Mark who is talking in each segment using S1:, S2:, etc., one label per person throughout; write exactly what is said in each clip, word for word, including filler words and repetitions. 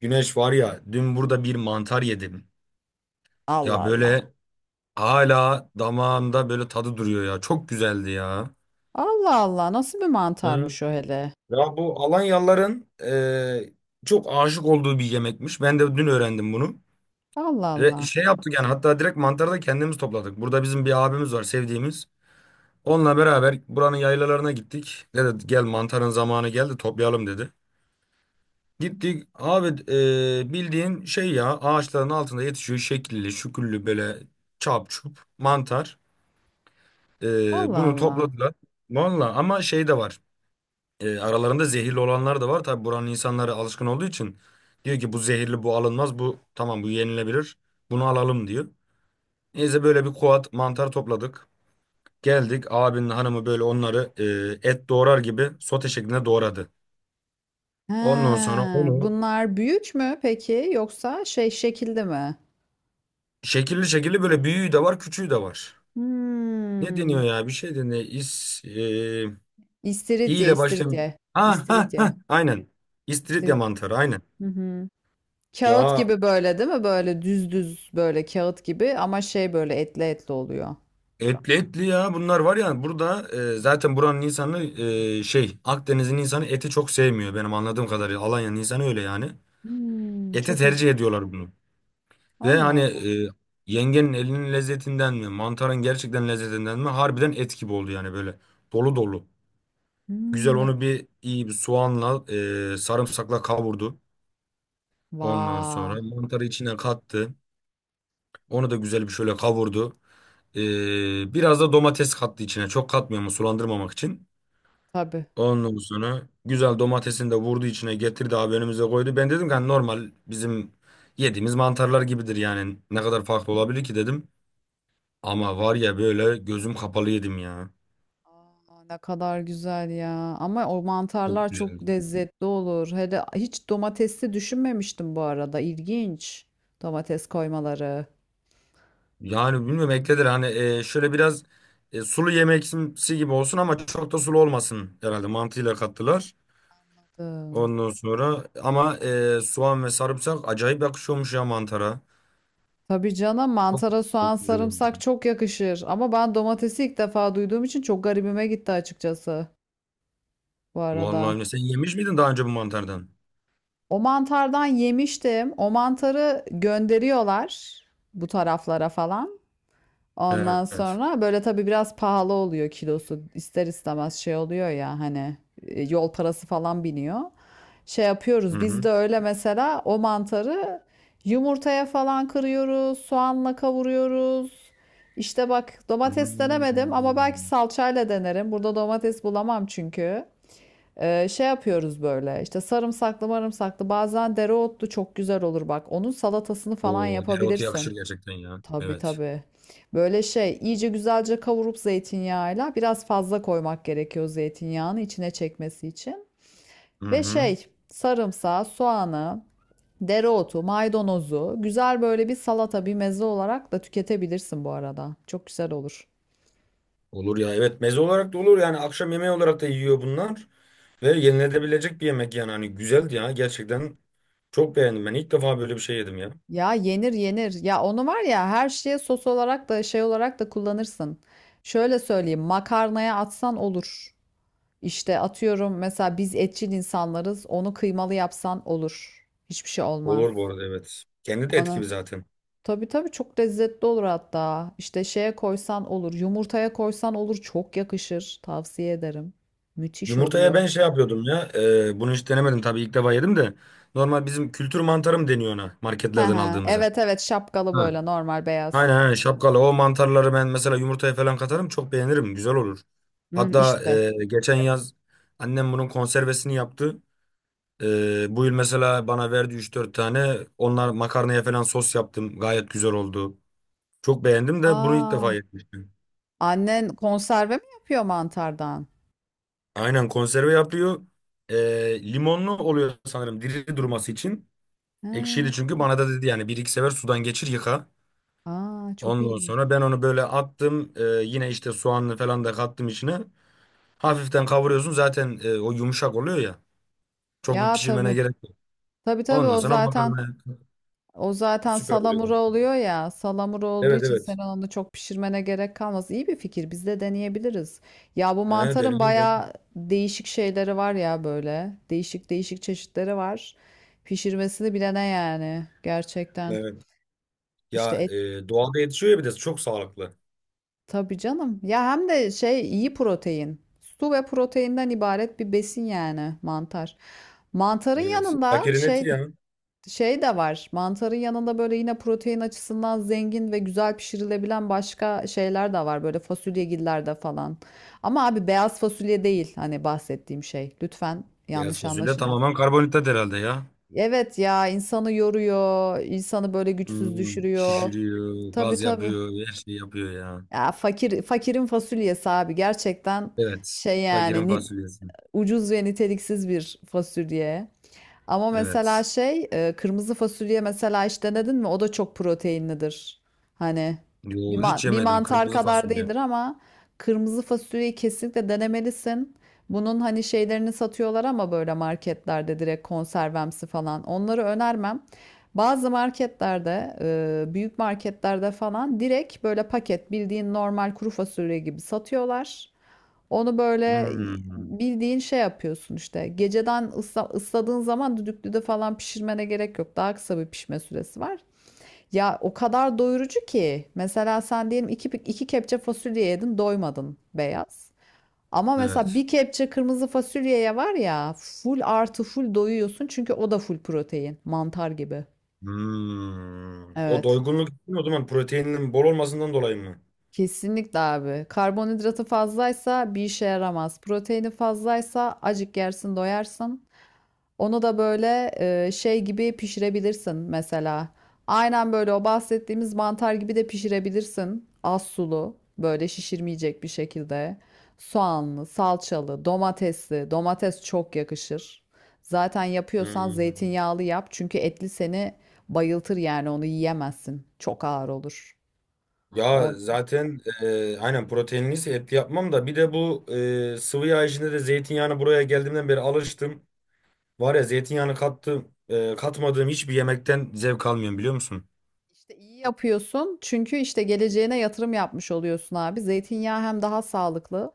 S1: Güneş var ya dün burada bir mantar yedim. Ya
S2: Allah Allah.
S1: böyle hala damağımda böyle tadı duruyor ya. Çok güzeldi ya.
S2: Allah Allah. Nasıl bir
S1: Hı.
S2: mantarmış o hele?
S1: Ya bu Alanyalıların e, çok aşık olduğu bir yemekmiş. Ben de dün öğrendim bunu.
S2: Allah
S1: Ve
S2: Allah.
S1: şey yaptık yani hatta direkt mantarı da kendimiz topladık. Burada bizim bir abimiz var sevdiğimiz. Onunla beraber buranın yaylalarına gittik. Dedi gel mantarın zamanı geldi toplayalım dedi. Gittik abi e, bildiğin şey ya ağaçların altında yetişiyor şekilli şüküllü böyle çap çup mantar. E,
S2: Allah
S1: bunu
S2: Allah.
S1: topladılar. Valla ama şey de var. E, aralarında zehirli olanlar da var. Tabi buranın insanları alışkın olduğu için diyor ki bu zehirli bu alınmaz bu tamam bu yenilebilir bunu alalım diyor. Neyse böyle bir kuat mantar topladık. Geldik abinin hanımı böyle onları e, et doğrar gibi sote şeklinde doğradı.
S2: He,
S1: Ondan sonra onu
S2: bunlar büyük mü peki yoksa şey şekilde mi?
S1: şekilli şekilli böyle büyüğü de var küçüğü de var. Ne
S2: Hmm.
S1: deniyor ya? Bir şey deniyor. İs, e, i
S2: İstiridye,
S1: ile başlayan.
S2: istiridye.
S1: Ha ha
S2: İstiridye,
S1: ha. Aynen. İstiridye
S2: istiridye.
S1: mantarı. Aynen.
S2: Hı hı. Kağıt
S1: Ya
S2: gibi böyle değil mi? Böyle düz düz böyle kağıt gibi ama şey böyle etli etli oluyor.
S1: etli etli ya. Bunlar var ya burada e, zaten buranın insanı e, şey Akdeniz'in insanı eti çok sevmiyor benim anladığım kadarıyla. Alanya'nın insanı öyle yani.
S2: Hmm,
S1: Ete
S2: çok ilginç.
S1: tercih ediyorlar bunu. Ve
S2: Allah
S1: hani
S2: Allah.
S1: e, yengenin elinin lezzetinden mi mantarın gerçekten lezzetinden mi harbiden et gibi oldu yani böyle. Dolu dolu. Güzel
S2: Hmm, ne...
S1: onu bir iyi bir soğanla e, sarımsakla kavurdu. Ondan
S2: Vaa.
S1: sonra mantarı içine kattı. Onu da güzel bir şöyle kavurdu. Ee, biraz da domates kattı içine. Çok katmıyor ama sulandırmamak için.
S2: Tabii.
S1: Ondan sonra güzel domatesini de vurdu içine getirdi abi önümüze koydu. Ben dedim ki hani normal bizim yediğimiz mantarlar gibidir yani. Ne kadar farklı olabilir ki dedim. Ama var ya böyle gözüm kapalı yedim ya.
S2: Aa, ne kadar güzel ya. Ama o
S1: Çok
S2: mantarlar çok
S1: güzeldi.
S2: lezzetli olur. Hele hiç domatesli düşünmemiştim bu arada. İlginç. Domates koymaları.
S1: Yani bilmiyorum ekledir hani e, şöyle biraz e, sulu yemeksi gibi olsun ama çok da sulu olmasın herhalde mantıyla kattılar.
S2: Anladım.
S1: Ondan sonra ama e, soğan ve sarımsak acayip yakışıyormuş ya mantara.
S2: Tabii canım,
S1: Çok,
S2: mantara soğan
S1: çok güzel
S2: sarımsak
S1: oldu.
S2: çok yakışır. Ama ben domatesi ilk defa duyduğum için çok garibime gitti açıkçası bu
S1: Vallahi
S2: arada.
S1: öyle. Sen yemiş miydin daha önce bu mantardan?
S2: O mantardan yemiştim. O mantarı gönderiyorlar bu taraflara falan. Ondan
S1: Evet.
S2: sonra böyle tabii biraz pahalı oluyor kilosu. İster istemez şey oluyor ya, hani e, yol parası falan biniyor. Şey
S1: Hı
S2: yapıyoruz biz
S1: hı.
S2: de öyle, mesela o mantarı yumurtaya falan kırıyoruz, soğanla kavuruyoruz. İşte bak, domates denemedim ama
S1: Hmm.
S2: belki salçayla denerim. Burada domates bulamam çünkü. Ee, şey yapıyoruz böyle, işte sarımsaklı marımsaklı, bazen dereotlu, çok güzel olur bak. Onun salatasını falan
S1: O dereotu
S2: yapabilirsin.
S1: yakışır gerçekten ya.
S2: Tabii
S1: Evet.
S2: tabii. Böyle şey iyice güzelce kavurup zeytinyağıyla, biraz fazla koymak gerekiyor zeytinyağını, içine çekmesi için.
S1: Hı
S2: Ve
S1: hı.
S2: şey sarımsağı, soğanı, dereotu, maydanozu güzel böyle bir salata, bir meze olarak da tüketebilirsin bu arada. Çok güzel olur.
S1: Olur ya. Evet meze olarak da olur yani akşam yemeği olarak da yiyor bunlar. Ve yenilebilecek bir yemek yani hani güzeldi ya gerçekten çok beğendim ben ilk defa böyle bir şey yedim ya.
S2: Ya yenir yenir. Ya onu var ya, her şeye sos olarak da şey olarak da kullanırsın. Şöyle söyleyeyim, makarnaya atsan olur. İşte atıyorum, mesela biz etçil insanlarız. Onu kıymalı yapsan olur. Hiçbir şey olmaz.
S1: Olur bu arada evet. Kendi de et
S2: Ana.
S1: gibi zaten.
S2: Tabii tabii, çok lezzetli olur hatta. İşte şeye koysan olur. Yumurtaya koysan olur. Çok yakışır. Tavsiye ederim. Müthiş
S1: Yumurtaya
S2: oluyor.
S1: ben şey yapıyordum ya. e, bunu hiç denemedim tabii ilk defa yedim de. Normal bizim kültür mantarı mı deniyor ona
S2: He
S1: marketlerden
S2: he.
S1: aldığımıza?
S2: Evet evet, şapkalı
S1: Ha.
S2: böyle normal beyaz.
S1: Aynen aynen şapkalı. O mantarları ben mesela yumurtaya falan katarım çok beğenirim. Güzel olur.
S2: Hı,
S1: Hatta
S2: işte.
S1: e, geçen yaz annem bunun konservesini yaptı. E, bu yıl mesela bana verdi üç dört tane. Onlar makarnaya falan sos yaptım. Gayet güzel oldu. Çok beğendim de bunu ilk defa
S2: Aa,
S1: yemiştim.
S2: annen konserve mi yapıyor mantardan?
S1: Aynen konserve yapıyor. E, limonlu oluyor sanırım diri durması için.
S2: Ha,
S1: Ekşiydi çünkü bana da dedi yani bir iki sefer sudan geçir yıka.
S2: aa, çok
S1: Ondan
S2: iyiymiş.
S1: sonra ben onu böyle attım. Ee, yine işte soğanlı falan da kattım içine. Hafiften kavuruyorsun zaten e, o yumuşak oluyor ya. Çok bir
S2: Ya
S1: pişirmene
S2: tabii.
S1: gerek yok.
S2: Tabii tabii,
S1: Ondan
S2: o
S1: sonra
S2: zaten
S1: makarna
S2: O zaten
S1: süper oluyor.
S2: salamura oluyor ya. Salamura olduğu
S1: Evet
S2: için sen
S1: evet.
S2: onu çok pişirmene gerek kalmaz. İyi bir fikir. Biz de deneyebiliriz. Ya, bu
S1: Ha,
S2: mantarın
S1: deneyim
S2: bayağı
S1: deneyim.
S2: değişik şeyleri var ya böyle. Değişik değişik çeşitleri var. Pişirmesini bilene yani, gerçekten.
S1: Evet. Ya
S2: İşte et,
S1: e, doğada yetişiyor ya bir de çok sağlıklı.
S2: tabii canım. Ya hem de şey, iyi protein. Su ve proteinden ibaret bir besin yani mantar. Mantarın
S1: Evet.
S2: yanında
S1: Fakirin
S2: şey
S1: eti ya.
S2: Şey de var. Mantarın yanında böyle yine protein açısından zengin ve güzel pişirilebilen başka şeyler de var. Böyle fasulyegillerde falan. Ama abi, beyaz fasulye değil hani bahsettiğim şey. Lütfen
S1: Beyaz
S2: yanlış
S1: fasulye
S2: anlaşılmasın.
S1: tamamen karbonhidrat herhalde ya.
S2: Evet ya, insanı yoruyor, insanı böyle güçsüz
S1: Hmm,
S2: düşürüyor.
S1: şişiriyor,
S2: Tabii
S1: gaz
S2: tabii.
S1: yapıyor, her şeyi yapıyor ya.
S2: Ya fakir, fakirin fasulyesi abi, gerçekten
S1: Evet.
S2: şey
S1: Fakirin
S2: yani, ni-
S1: fasulyesi.
S2: ucuz ve niteliksiz bir fasulye. Ama mesela
S1: Evet.
S2: şey, e, kırmızı fasulye mesela hiç denedin mi? O da çok proteinlidir. Hani bir,
S1: Yo,
S2: man-
S1: hiç
S2: bir
S1: yemedim
S2: mantar
S1: kırmızı
S2: kadar
S1: fasulye.
S2: değildir ama kırmızı fasulyeyi kesinlikle denemelisin. Bunun hani şeylerini satıyorlar, ama böyle marketlerde direkt konservemsi falan. Onları önermem. Bazı marketlerde, e, büyük marketlerde falan direkt böyle paket, bildiğin normal kuru fasulye gibi satıyorlar. Onu böyle
S1: Hmm.
S2: bildiğin şey yapıyorsun işte. Geceden ısla, ısladığın zaman düdüklüde falan pişirmene gerek yok. Daha kısa bir pişme süresi var. Ya o kadar doyurucu ki. Mesela sen diyelim iki, iki kepçe fasulye yedin, doymadın beyaz. Ama mesela
S1: Evet.
S2: bir kepçe kırmızı fasulyeye var ya, full artı full doyuyorsun. Çünkü o da full protein. Mantar gibi.
S1: Hmm. O
S2: Evet.
S1: doygunluk değil mi? O zaman proteinin bol olmasından dolayı mı?
S2: Kesinlikle abi. Karbonhidratı fazlaysa bir işe yaramaz. Proteini fazlaysa acık yersin doyarsın. Onu da böyle e, şey gibi pişirebilirsin mesela. Aynen böyle o bahsettiğimiz mantar gibi de pişirebilirsin. Az sulu, böyle şişirmeyecek bir şekilde. Soğanlı, salçalı, domatesli. Domates çok yakışır. Zaten yapıyorsan
S1: Hmm.
S2: zeytinyağlı yap. Çünkü etli seni bayıltır yani, onu yiyemezsin. Çok ağır olur.
S1: Ya
S2: O
S1: zaten e, aynen proteinliyse etli yapmam da bir de bu e, sıvı yağ içinde de zeytinyağını buraya geldiğimden beri alıştım. Var ya zeytinyağını kattım, e, katmadığım hiçbir yemekten zevk almıyorum biliyor musun?
S2: İşte iyi yapıyorsun, çünkü işte geleceğine yatırım yapmış oluyorsun abi. Zeytinyağı hem daha sağlıklı.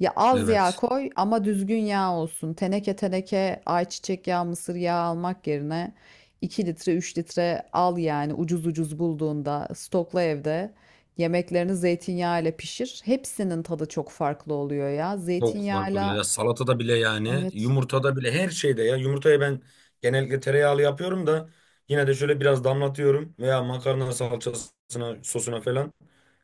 S2: Ya az yağ
S1: Evet.
S2: koy ama düzgün yağ olsun. Teneke teneke ayçiçek yağı, mısır yağı almak yerine iki litre üç litre al yani, ucuz ucuz bulduğunda stokla evde. Yemeklerini zeytinyağı ile pişir. Hepsinin tadı çok farklı oluyor ya.
S1: Çok fark oluyor.
S2: Zeytinyağıyla,
S1: Ya salatada bile yani
S2: evet.
S1: yumurtada bile her şeyde ya. Yumurtayı ben genellikle tereyağlı yapıyorum da yine de şöyle biraz damlatıyorum veya makarna salçasına sosuna falan.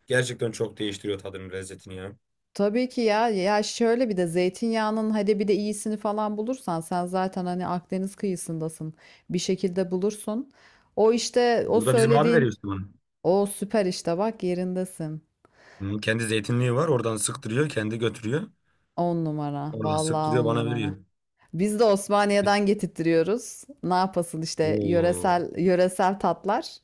S1: Gerçekten çok değiştiriyor tadını lezzetini ya.
S2: Tabii ki ya. Ya şöyle, bir de zeytinyağının hadi bir de iyisini falan bulursan, sen zaten hani Akdeniz kıyısındasın. Bir şekilde bulursun. O işte o
S1: Burada bizim abi
S2: söylediğin,
S1: veriyor işte bunu.
S2: o süper işte, bak yerindesin.
S1: Hı, kendi zeytinliği var oradan sıktırıyor kendi götürüyor.
S2: On numara.
S1: Oradan
S2: Vallahi
S1: sıktırıyor
S2: on
S1: bana
S2: numara.
S1: veriyor.
S2: Biz de Osmaniye'den getirtiyoruz. Ne yapasın işte,
S1: Oo.
S2: yöresel yöresel tatlar.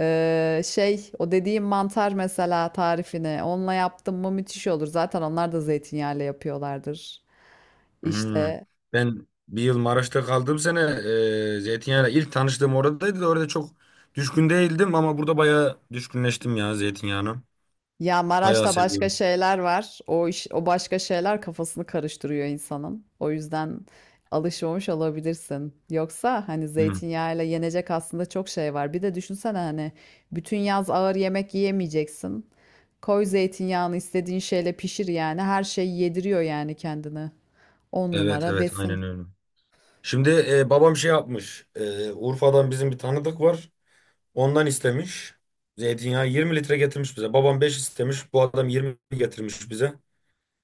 S2: Ee, şey, o dediğim mantar mesela, tarifini onunla yaptım mı müthiş olur. Zaten onlar da zeytinyağıyla yapıyorlardır.
S1: Hmm.
S2: İşte.
S1: Ben bir yıl Maraş'ta kaldığım sene e, zeytinyağıyla ilk tanıştığım oradaydı da orada çok düşkün değildim ama burada bayağı düşkünleştim ya zeytinyağına.
S2: Ya
S1: Bayağı
S2: Maraş'ta başka
S1: seviyorum.
S2: şeyler var. O iş, o başka şeyler kafasını karıştırıyor insanın. O yüzden alışmamış olabilirsin. Yoksa hani
S1: Hmm.
S2: zeytinyağıyla yenecek aslında çok şey var. Bir de düşünsene hani bütün yaz ağır yemek yiyemeyeceksin. Koy zeytinyağını, istediğin şeyle pişir yani. Her şeyi yediriyor yani kendini. On
S1: Evet
S2: numara
S1: evet
S2: besin.
S1: aynen öyle. Şimdi e, babam şey yapmış. E, Urfa'dan bizim bir tanıdık var. Ondan istemiş. Zeytinyağı yirmi litre getirmiş bize. Babam beş istemiş. Bu adam yirmi getirmiş bize.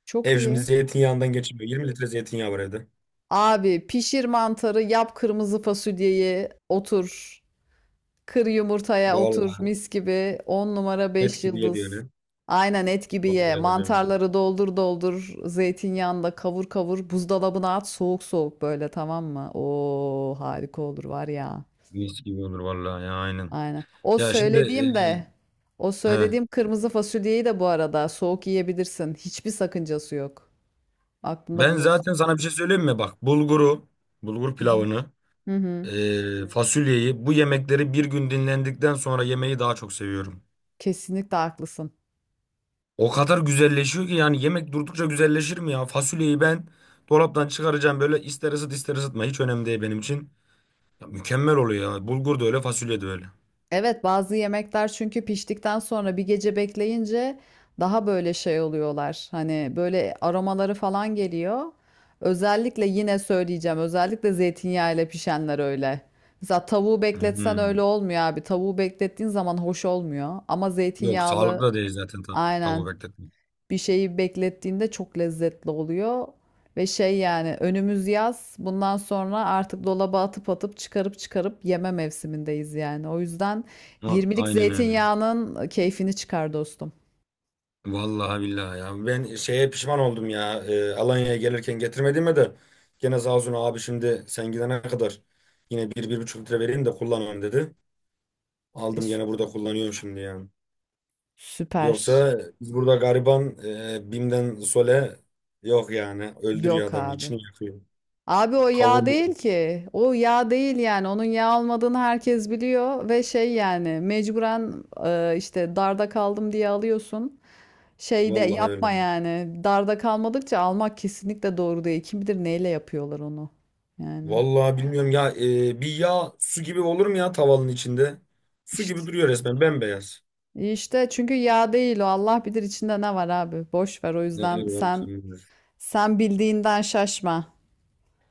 S2: Çok
S1: Ev şimdi
S2: iyi.
S1: zeytinyağından geçmiyor. yirmi litre zeytinyağı var evde.
S2: Abi, pişir mantarı, yap kırmızı fasulyeyi, otur. Kır yumurtaya, otur
S1: Vallahi
S2: mis gibi. on numara
S1: et
S2: beş
S1: gibi yedi
S2: yıldız.
S1: öyle.
S2: Aynen et gibi ye.
S1: Vallahi öyle mi?
S2: Mantarları doldur doldur. Zeytinyağında kavur kavur. Buzdolabına at soğuk soğuk böyle, tamam mı? Oo, harika olur var ya.
S1: Mis gibi olur vallahi ya aynen.
S2: Aynen. O
S1: Ya şimdi
S2: söylediğim de o
S1: e, he,
S2: söylediğim kırmızı fasulyeyi de bu arada soğuk yiyebilirsin. Hiçbir sakıncası yok. Aklında
S1: ben
S2: bulunsun.
S1: zaten sana bir şey söyleyeyim mi? Bak bulguru, bulgur
S2: Hı hı.
S1: pilavını,
S2: Hı hı.
S1: e, fasulyeyi bu yemekleri bir gün dinlendikten sonra yemeyi daha çok seviyorum.
S2: Kesinlikle haklısın.
S1: O kadar güzelleşiyor ki yani yemek durdukça güzelleşir mi ya? Fasulyeyi ben dolaptan çıkaracağım böyle ister ısıt ister ısıtma hiç önemli değil benim için. Ya mükemmel oluyor ya. Bulgur da öyle fasulye de öyle.
S2: Evet, bazı yemekler çünkü piştikten sonra bir gece bekleyince daha böyle şey oluyorlar. Hani böyle aromaları falan geliyor. Özellikle, yine söyleyeceğim, özellikle zeytinyağı ile pişenler öyle. Mesela tavuğu bekletsen öyle
S1: Hmm.
S2: olmuyor abi. Tavuğu beklettiğin zaman hoş olmuyor. Ama
S1: Yok sağlıklı
S2: zeytinyağlı,
S1: da değil zaten ta tavuğu
S2: aynen,
S1: bekletmek.
S2: bir şeyi beklettiğinde çok lezzetli oluyor. Ve şey yani, önümüz yaz. Bundan sonra artık dolaba atıp atıp çıkarıp çıkarıp yeme mevsimindeyiz yani. O yüzden
S1: Ha,
S2: yirmilik
S1: aynen öyle.
S2: zeytinyağının keyfini çıkar dostum.
S1: Vallahi billahi ya. Ben şeye pişman oldum ya. Ee, Alanya'ya gelirken getirmediğime de gene Zazun abi şimdi sen gidene kadar yine bir, bir buçuk litre vereyim de kullanalım dedi.
S2: E,
S1: Aldım
S2: sü-
S1: gene burada kullanıyorum şimdi yani.
S2: Süper.
S1: Yoksa biz burada gariban e, Bim'den Sole yok yani. Öldürüyor
S2: Yok
S1: adamı.
S2: abi.
S1: İçini yakıyor.
S2: Abi o yağ
S1: Kavuruyor.
S2: değil ki. O yağ değil yani. Onun yağ olmadığını herkes biliyor ve şey yani, mecburen e, işte darda kaldım diye alıyorsun. Şeyde
S1: Vallahi öyle.
S2: yapma yani. Darda kalmadıkça almak kesinlikle doğru değil. Kim bilir neyle yapıyorlar onu. Yani.
S1: Vallahi bilmiyorum ya. e, bir yağ su gibi olur mu ya tavanın içinde? Su
S2: işte
S1: gibi duruyor resmen bembeyaz.
S2: İşte çünkü yağ değil o. Allah bilir içinde ne var abi. Boş ver, o
S1: Ne
S2: yüzden
S1: bileyim.
S2: sen, sen bildiğinden şaşma.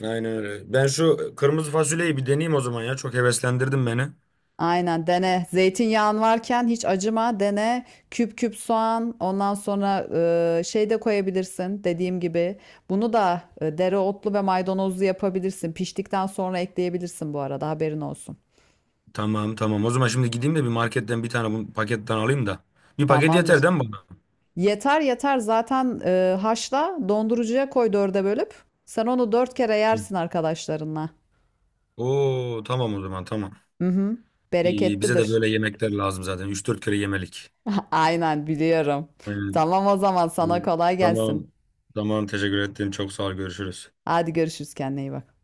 S1: Aynen öyle. Ben şu kırmızı fasulyeyi bir deneyeyim o zaman ya. Çok heveslendirdin beni.
S2: Aynen dene. Zeytinyağın varken hiç acıma, dene. Küp küp soğan, ondan sonra e, şey de koyabilirsin dediğim gibi. Bunu da e, dereotlu ve maydanozlu yapabilirsin. Piştikten sonra ekleyebilirsin bu arada, haberin olsun.
S1: Tamam tamam. O zaman şimdi gideyim de bir marketten bir tane bu paketten alayım da. Bir paket
S2: Tamamdır.
S1: yeter değil mi bana?
S2: Yeter yeter, zaten e, haşla, dondurucuya koy dörde bölüp. Sen onu dört kere
S1: Hı.
S2: yersin arkadaşlarınla.
S1: Oo tamam o zaman tamam.
S2: Hı hı.
S1: İyi, iyi. Bize de
S2: Bereketlidir.
S1: böyle yemekler lazım zaten. Üç dört kere yemelik.
S2: Aynen, biliyorum.
S1: Aynen.
S2: Tamam o zaman, sana kolay gelsin.
S1: Tamam. Tamam teşekkür ettim. Çok sağ ol. Görüşürüz.
S2: Hadi görüşürüz, kendine iyi bak.